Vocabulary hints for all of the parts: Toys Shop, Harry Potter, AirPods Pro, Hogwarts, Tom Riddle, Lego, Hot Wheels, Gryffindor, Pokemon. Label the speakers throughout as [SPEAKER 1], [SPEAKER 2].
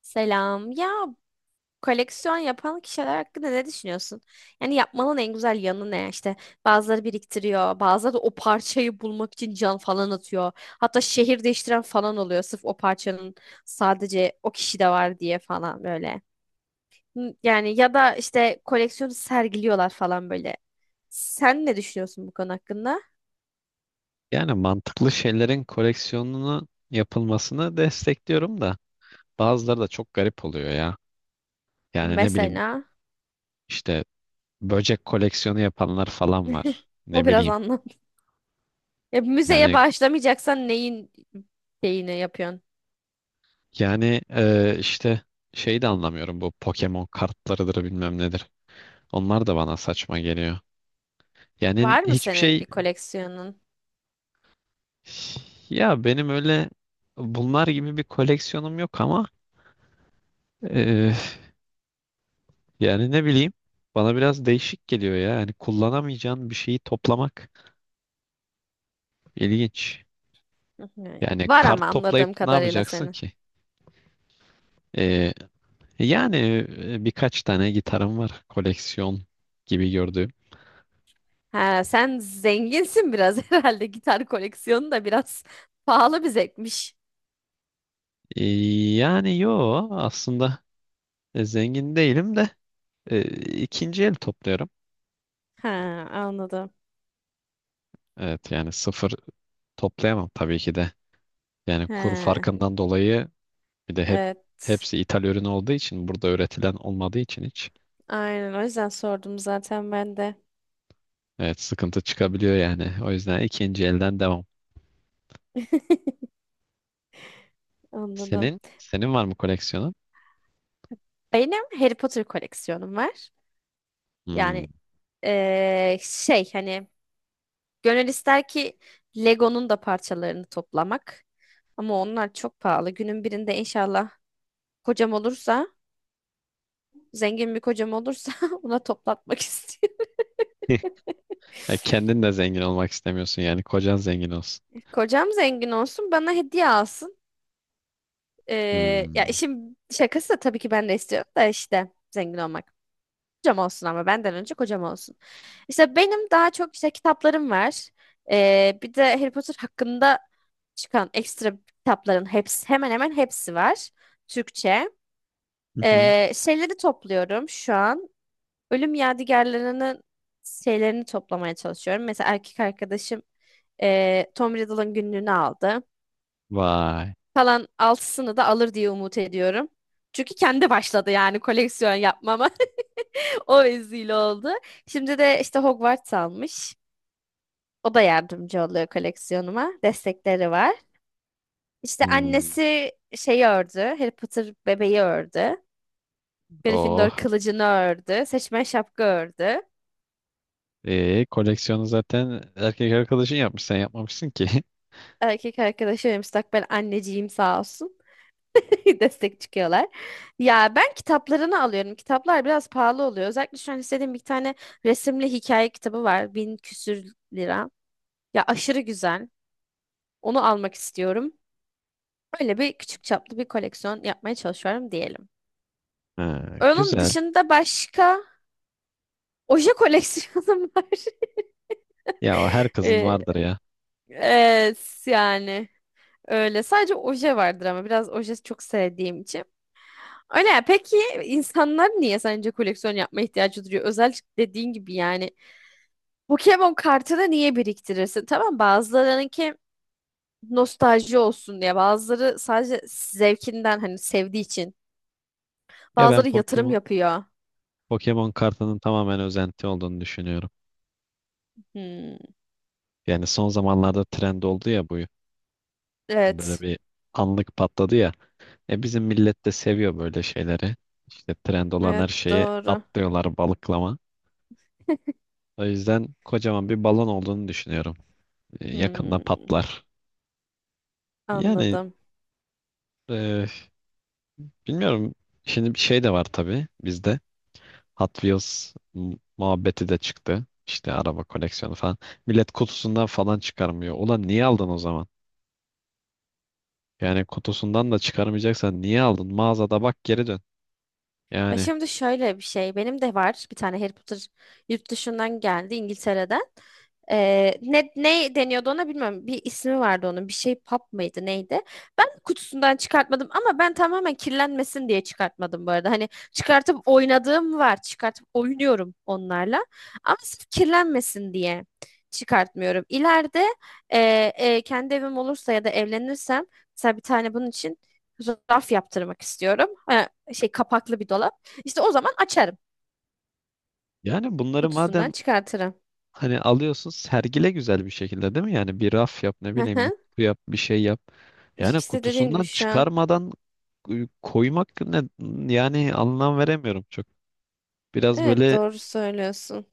[SPEAKER 1] Selam. Ya koleksiyon yapan kişiler hakkında ne düşünüyorsun? Yani yapmanın en güzel yanı ne? İşte bazıları biriktiriyor, bazıları da o parçayı bulmak için can falan atıyor. Hatta şehir değiştiren falan oluyor sırf o parçanın sadece o kişide var diye falan böyle. Hı, yani ya da işte koleksiyonu sergiliyorlar falan böyle. Sen ne düşünüyorsun bu konu hakkında?
[SPEAKER 2] Yani mantıklı şeylerin koleksiyonunu yapılmasını destekliyorum da bazıları da çok garip oluyor ya. Yani ne bileyim
[SPEAKER 1] Mesela
[SPEAKER 2] işte böcek koleksiyonu yapanlar falan var.
[SPEAKER 1] bu
[SPEAKER 2] Ne
[SPEAKER 1] biraz
[SPEAKER 2] bileyim.
[SPEAKER 1] anlam. Ya müzeye
[SPEAKER 2] Yani
[SPEAKER 1] bağışlamayacaksan neyin şeyini yapıyorsun?
[SPEAKER 2] yani işte şeyi de anlamıyorum, bu Pokemon kartlarıdır bilmem nedir. Onlar da bana saçma geliyor. Yani
[SPEAKER 1] Var mı
[SPEAKER 2] hiçbir
[SPEAKER 1] senin
[SPEAKER 2] şey.
[SPEAKER 1] bir koleksiyonun?
[SPEAKER 2] Ya benim öyle bunlar gibi bir koleksiyonum yok ama e, yani ne bileyim bana biraz değişik geliyor ya. Yani kullanamayacağın bir şeyi toplamak ilginç.
[SPEAKER 1] Hı hı.
[SPEAKER 2] Yani
[SPEAKER 1] Var ama
[SPEAKER 2] kart toplayıp
[SPEAKER 1] anladığım
[SPEAKER 2] ne
[SPEAKER 1] kadarıyla
[SPEAKER 2] yapacaksın
[SPEAKER 1] senin.
[SPEAKER 2] ki? Ee, yani, birkaç tane gitarım var, koleksiyon gibi gördüğüm.
[SPEAKER 1] Ha, sen zenginsin biraz herhalde. Gitar koleksiyonu da biraz pahalı bir zevkmiş.
[SPEAKER 2] Ee, yani yo, aslında zengin değilim de, e, ikinci el topluyorum.
[SPEAKER 1] Ha, anladım.
[SPEAKER 2] Evet, yani sıfır toplayamam tabii ki de. Yani kur
[SPEAKER 1] Ha,
[SPEAKER 2] farkından dolayı, bir de hep
[SPEAKER 1] evet.
[SPEAKER 2] hepsi ithal ürün olduğu için, burada üretilen olmadığı için hiç.
[SPEAKER 1] Aynen o yüzden sordum zaten ben de.
[SPEAKER 2] Evet, sıkıntı çıkabiliyor yani. O yüzden ikinci elden devam.
[SPEAKER 1] Anladım.
[SPEAKER 2] Senin? Senin var mı koleksiyonun?
[SPEAKER 1] Benim Harry Potter koleksiyonum var.
[SPEAKER 2] Hmm.
[SPEAKER 1] Yani şey hani gönül ister ki Lego'nun da parçalarını toplamak. Ama onlar çok pahalı. Günün birinde inşallah kocam olursa, zengin bir kocam olursa ona toplatmak istiyorum.
[SPEAKER 2] E, kendin de zengin olmak istemiyorsun yani. Kocan zengin olsun.
[SPEAKER 1] Kocam zengin olsun, bana hediye alsın. Ee, ya
[SPEAKER 2] Hmm.
[SPEAKER 1] işin şakası da tabii ki ben de istiyorum da işte zengin olmak. Kocam olsun ama benden önce kocam olsun. İşte benim daha çok işte kitaplarım var. Bir de Harry Potter hakkında çıkan ekstra kitapların hepsi hemen hemen hepsi var. Türkçe.
[SPEAKER 2] Hı hı.
[SPEAKER 1] Şeyleri topluyorum şu an. Ölüm yadigarlarının şeylerini toplamaya çalışıyorum. Mesela erkek arkadaşım Tom Riddle'ın günlüğünü aldı.
[SPEAKER 2] Vay.
[SPEAKER 1] Kalan altısını da alır diye umut ediyorum. Çünkü kendi başladı yani koleksiyon yapmama. O vesile oldu. Şimdi de işte Hogwarts almış. O da yardımcı oluyor koleksiyonuma. Destekleri var. İşte
[SPEAKER 2] Hmm.
[SPEAKER 1] annesi şeyi ördü. Harry Potter bebeği ördü. Gryffindor
[SPEAKER 2] Oh.
[SPEAKER 1] kılıcını ördü. Seçmen şapka ördü.
[SPEAKER 2] E, koleksiyonu zaten erkek arkadaşın yapmış. Sen yapmamışsın ki.
[SPEAKER 1] Erkek arkadaşı ve müstakbel anneciğim sağ olsun. destek çıkıyorlar. Ya ben kitaplarını alıyorum. Kitaplar biraz pahalı oluyor. Özellikle şu an istediğim bir tane resimli hikaye kitabı var. Bin küsür lira. Ya aşırı güzel. Onu almak istiyorum. Öyle bir küçük çaplı bir koleksiyon yapmaya çalışıyorum diyelim.
[SPEAKER 2] Ha,
[SPEAKER 1] Onun
[SPEAKER 2] güzel.
[SPEAKER 1] dışında başka oje koleksiyonum var.
[SPEAKER 2] Ya o her kızın
[SPEAKER 1] Ee,
[SPEAKER 2] vardır ya.
[SPEAKER 1] evet yani öyle. Sadece oje vardır ama biraz oje çok sevdiğim için. Öyle ya. Peki insanlar niye sence koleksiyon yapma ihtiyacı duyuyor? Özellikle dediğin gibi yani Pokemon kartını niye biriktirirsin? Tamam bazılarınınki nostalji olsun diye. Bazıları sadece zevkinden hani sevdiği için.
[SPEAKER 2] Ya ben
[SPEAKER 1] Bazıları yatırım
[SPEAKER 2] Pokemon
[SPEAKER 1] yapıyor.
[SPEAKER 2] Pokemon kartının tamamen özenti olduğunu düşünüyorum.
[SPEAKER 1] Hmm,
[SPEAKER 2] Yani son zamanlarda trend oldu ya bu. Böyle
[SPEAKER 1] evet.
[SPEAKER 2] bir anlık patladı ya. E bizim millet de seviyor böyle şeyleri. İşte trend olan her
[SPEAKER 1] Evet
[SPEAKER 2] şeye
[SPEAKER 1] doğru.
[SPEAKER 2] atlıyorlar balıklama. O yüzden kocaman bir balon olduğunu düşünüyorum. E, yakında
[SPEAKER 1] Hmm,
[SPEAKER 2] patlar. Yani,
[SPEAKER 1] anladım.
[SPEAKER 2] e, bilmiyorum. Şimdi bir şey de var tabii bizde. Hot Wheels muhabbeti de çıktı. İşte araba koleksiyonu falan. Millet kutusundan falan çıkarmıyor. Ulan niye aldın o zaman? Yani kutusundan da çıkarmayacaksan niye aldın? Mağazada bak, geri dön.
[SPEAKER 1] Ya
[SPEAKER 2] Yani
[SPEAKER 1] şimdi şöyle bir şey. Benim de var bir tane Harry Potter yurt dışından geldi İngiltere'den. Ne deniyordu ona bilmiyorum. Bir ismi vardı onun. Bir şey pub mıydı neydi? Ben kutusundan çıkartmadım ama ben tamamen kirlenmesin diye çıkartmadım bu arada. Hani çıkartıp oynadığım var. Çıkartıp oynuyorum onlarla. Ama sırf kirlenmesin diye çıkartmıyorum. İleride e, kendi evim olursa ya da evlenirsem mesela bir tane bunun için raf yaptırmak istiyorum. Ha, şey kapaklı bir dolap. İşte o zaman açarım.
[SPEAKER 2] yani bunları
[SPEAKER 1] Kutusundan
[SPEAKER 2] madem
[SPEAKER 1] çıkartırım.
[SPEAKER 2] hani alıyorsun, sergile güzel bir şekilde, değil mi? Yani bir raf yap, ne
[SPEAKER 1] Hı
[SPEAKER 2] bileyim bir
[SPEAKER 1] hı.
[SPEAKER 2] kutu yap, bir şey yap. Yani
[SPEAKER 1] İşte dediğim gibi
[SPEAKER 2] kutusundan
[SPEAKER 1] şu an.
[SPEAKER 2] çıkarmadan koymak ne, yani anlam veremiyorum çok. Biraz
[SPEAKER 1] Evet
[SPEAKER 2] böyle
[SPEAKER 1] doğru söylüyorsun.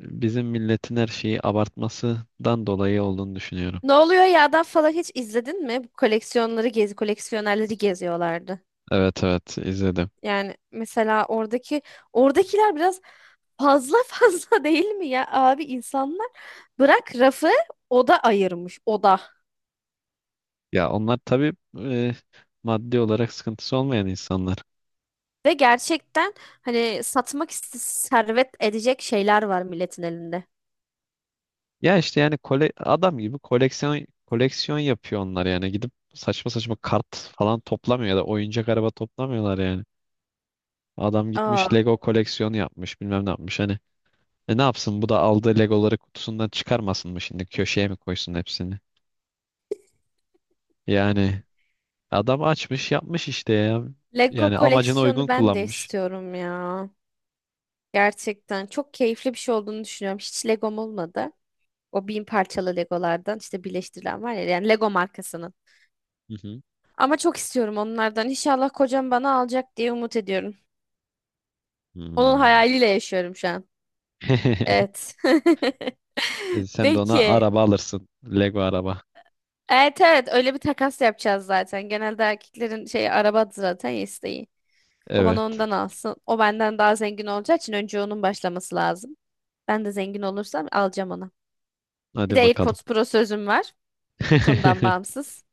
[SPEAKER 2] bizim milletin her şeyi abartmasından dolayı olduğunu düşünüyorum.
[SPEAKER 1] Ne oluyor ya da falan hiç izledin mi? Bu koleksiyonları gezi, koleksiyonerleri geziyorlardı.
[SPEAKER 2] Evet, evet izledim.
[SPEAKER 1] Yani mesela oradaki oradakiler biraz fazla fazla değil mi ya abi insanlar bırak rafı oda ayırmış oda.
[SPEAKER 2] Ya onlar tabii e, maddi olarak sıkıntısı olmayan insanlar.
[SPEAKER 1] Ve gerçekten hani satmak iste servet edecek şeyler var milletin elinde.
[SPEAKER 2] Ya işte yani adam gibi koleksiyon yapıyor onlar, yani gidip saçma saçma kart falan toplamıyor ya da oyuncak araba toplamıyorlar yani. Adam gitmiş
[SPEAKER 1] Aa,
[SPEAKER 2] Lego koleksiyonu yapmış, bilmem ne yapmış hani. E ne yapsın, bu da aldığı Legoları kutusundan çıkarmasın mı şimdi, köşeye mi koysun hepsini? Yani adam açmış yapmış işte ya.
[SPEAKER 1] Lego
[SPEAKER 2] Yani amacına uygun
[SPEAKER 1] koleksiyonu ben de
[SPEAKER 2] kullanmış.
[SPEAKER 1] istiyorum ya. Gerçekten çok keyifli bir şey olduğunu düşünüyorum. Hiç Legom olmadı. O bin parçalı Legolardan işte birleştirilen var ya yani Lego markasının.
[SPEAKER 2] Hı hı.
[SPEAKER 1] Ama çok istiyorum onlardan. İnşallah kocam bana alacak diye umut ediyorum. Onun
[SPEAKER 2] Hmm.
[SPEAKER 1] hayaliyle yaşıyorum şu an. Evet.
[SPEAKER 2] E sen de ona
[SPEAKER 1] Peki.
[SPEAKER 2] araba alırsın. Lego araba.
[SPEAKER 1] Evet evet öyle bir takas yapacağız zaten. Genelde erkeklerin şey arabadır zaten isteği. O bana
[SPEAKER 2] Evet.
[SPEAKER 1] ondan alsın. O benden daha zengin olacağı için önce onun başlaması lazım. Ben de zengin olursam alacağım ona. Bir de
[SPEAKER 2] Hadi bakalım.
[SPEAKER 1] AirPods Pro sözüm var. Konudan bağımsız.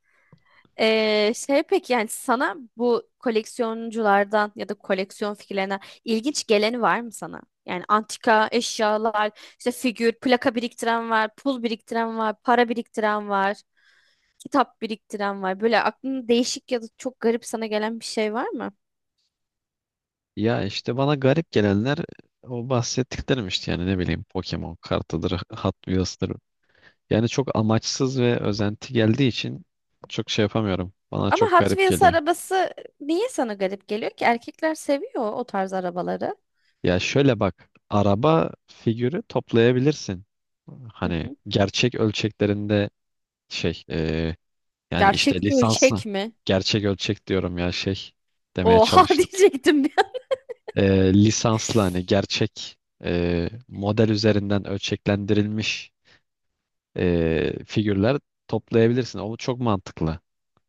[SPEAKER 1] Şey peki yani sana bu koleksiyonculardan ya da koleksiyon fikirlerine ilginç geleni var mı sana? Yani antika eşyalar, işte figür, plaka biriktiren var, pul biriktiren var, para biriktiren var, kitap biriktiren var. Böyle aklına değişik ya da çok garip sana gelen bir şey var mı?
[SPEAKER 2] Ya işte bana garip gelenler o bahsettiklerim işte, yani ne bileyim Pokemon kartıdır, Hot Wheels'tır. Yani çok amaçsız ve özenti geldiği için çok şey yapamıyorum. Bana
[SPEAKER 1] Ama
[SPEAKER 2] çok
[SPEAKER 1] Hot
[SPEAKER 2] garip
[SPEAKER 1] Wheels
[SPEAKER 2] geliyor.
[SPEAKER 1] arabası niye sana garip geliyor ki? Erkekler seviyor o tarz arabaları.
[SPEAKER 2] Ya şöyle bak, araba figürü toplayabilirsin.
[SPEAKER 1] Hı
[SPEAKER 2] Hani
[SPEAKER 1] hı.
[SPEAKER 2] gerçek ölçeklerinde şey, e, yani işte
[SPEAKER 1] Gerçek
[SPEAKER 2] lisansla
[SPEAKER 1] ölçek mi?
[SPEAKER 2] gerçek ölçek diyorum ya, demeye
[SPEAKER 1] Oha
[SPEAKER 2] çalıştım.
[SPEAKER 1] diyecektim bir
[SPEAKER 2] E, lisansla hani gerçek model üzerinden ölçeklendirilmiş figürler toplayabilirsin. O çok mantıklı.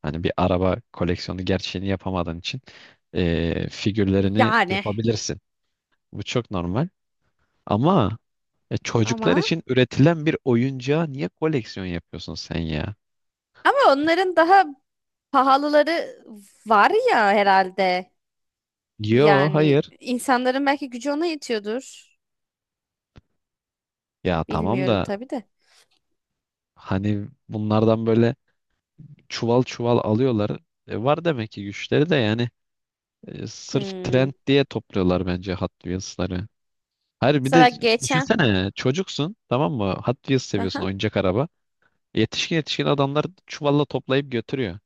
[SPEAKER 2] Hani bir araba koleksiyonu gerçeğini yapamadığın için figürlerini
[SPEAKER 1] yani
[SPEAKER 2] yapabilirsin. Bu çok normal. Ama çocuklar
[SPEAKER 1] ama
[SPEAKER 2] için üretilen bir oyuncağa niye koleksiyon yapıyorsun sen ya?
[SPEAKER 1] ama onların daha pahalıları var ya herhalde.
[SPEAKER 2] Yo,
[SPEAKER 1] Yani
[SPEAKER 2] hayır.
[SPEAKER 1] insanların belki gücü ona yetiyordur.
[SPEAKER 2] Ya tamam
[SPEAKER 1] Bilmiyorum
[SPEAKER 2] da
[SPEAKER 1] tabii de.
[SPEAKER 2] hani bunlardan böyle çuval çuval alıyorlar. E, var demek ki güçleri de, yani sırf
[SPEAKER 1] Hmm.
[SPEAKER 2] trend diye topluyorlar bence Hot Wheels'ları. Hayır bir de
[SPEAKER 1] Mesela geçen
[SPEAKER 2] düşünsene, çocuksun tamam mı? Hot Wheels seviyorsun,
[SPEAKER 1] aha.
[SPEAKER 2] oyuncak araba. Yetişkin yetişkin adamlar çuvalla toplayıp götürüyor.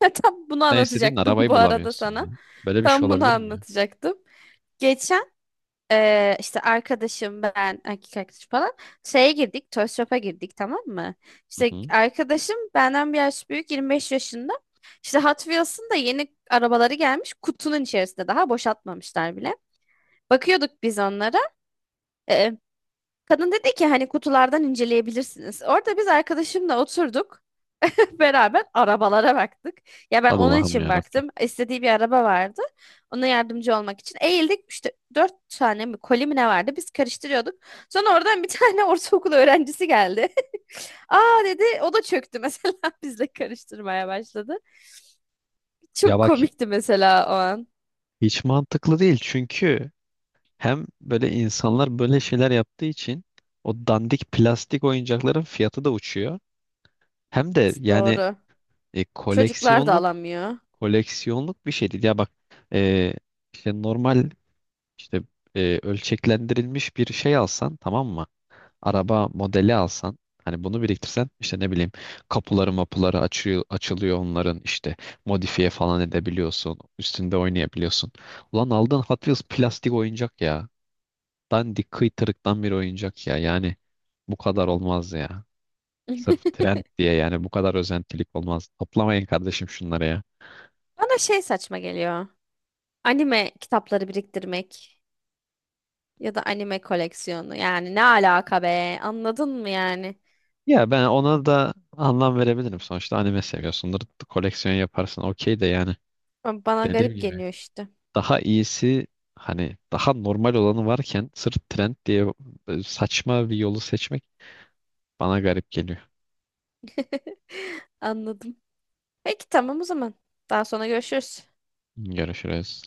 [SPEAKER 1] Tam bunu
[SPEAKER 2] Sen istediğin
[SPEAKER 1] anlatacaktım
[SPEAKER 2] arabayı
[SPEAKER 1] bu arada
[SPEAKER 2] bulamıyorsun ya.
[SPEAKER 1] sana.
[SPEAKER 2] Böyle bir şey
[SPEAKER 1] Tam bunu
[SPEAKER 2] olabilir mi ya?
[SPEAKER 1] anlatacaktım. Geçen işte arkadaşım ben erkek arkadaşım falan şeye girdik Toys Shop'a girdik tamam mı?
[SPEAKER 2] Hı
[SPEAKER 1] İşte
[SPEAKER 2] hı.
[SPEAKER 1] arkadaşım benden bir yaş büyük 25 yaşında. İşte Hot Wheels'ın da yeni arabaları gelmiş kutunun içerisinde daha boşaltmamışlar bile. Bakıyorduk biz onlara. Ee, kadın dedi ki hani kutulardan inceleyebilirsiniz. Orada biz arkadaşımla oturduk beraber arabalara baktık. Ya ben onun
[SPEAKER 2] Allah'ım
[SPEAKER 1] için
[SPEAKER 2] ya Rabbim.
[SPEAKER 1] baktım. İstediği bir araba vardı. Ona yardımcı olmak için eğildik. İşte dört tane mi koli mi ne vardı? Biz karıştırıyorduk. Sonra oradan bir tane ortaokul öğrencisi geldi. Aa dedi o da çöktü mesela bizle karıştırmaya başladı.
[SPEAKER 2] Ya
[SPEAKER 1] Çok
[SPEAKER 2] bak,
[SPEAKER 1] komikti mesela o an.
[SPEAKER 2] hiç mantıklı değil çünkü hem böyle insanlar böyle şeyler yaptığı için o dandik plastik oyuncakların fiyatı da uçuyor. Hem de yani
[SPEAKER 1] Doğru.
[SPEAKER 2] e,
[SPEAKER 1] Çocuklar da
[SPEAKER 2] koleksiyonluk
[SPEAKER 1] alamıyor.
[SPEAKER 2] koleksiyonluk bir şey değil. Ya bak, e, işte normal, İşte ölçeklendirilmiş bir şey alsan tamam mı? Araba modeli alsan, hani bunu biriktirsen, işte ne bileyim kapıları mapuları açıyor, açılıyor onların, işte modifiye falan edebiliyorsun. Üstünde oynayabiliyorsun. Ulan aldığın Hot Wheels plastik oyuncak ya. Dandik kıytırıktan bir oyuncak ya. Yani bu kadar olmaz ya. Sırf trend diye yani bu kadar özentilik olmaz. Toplamayın kardeşim şunları ya.
[SPEAKER 1] Bana şey saçma geliyor. Anime kitapları biriktirmek ya da anime koleksiyonu. Yani ne alaka be? Anladın mı yani?
[SPEAKER 2] Ya ben ona da anlam verebilirim. Sonuçta anime seviyorsundur. Koleksiyon yaparsın okey de yani.
[SPEAKER 1] Ama bana
[SPEAKER 2] Dediğim
[SPEAKER 1] garip
[SPEAKER 2] gibi,
[SPEAKER 1] geliyor işte.
[SPEAKER 2] daha iyisi hani daha normal olanı varken sırf trend diye saçma bir yolu seçmek bana garip geliyor.
[SPEAKER 1] Anladım. Peki tamam o zaman. Daha sonra görüşürüz.
[SPEAKER 2] Görüşürüz.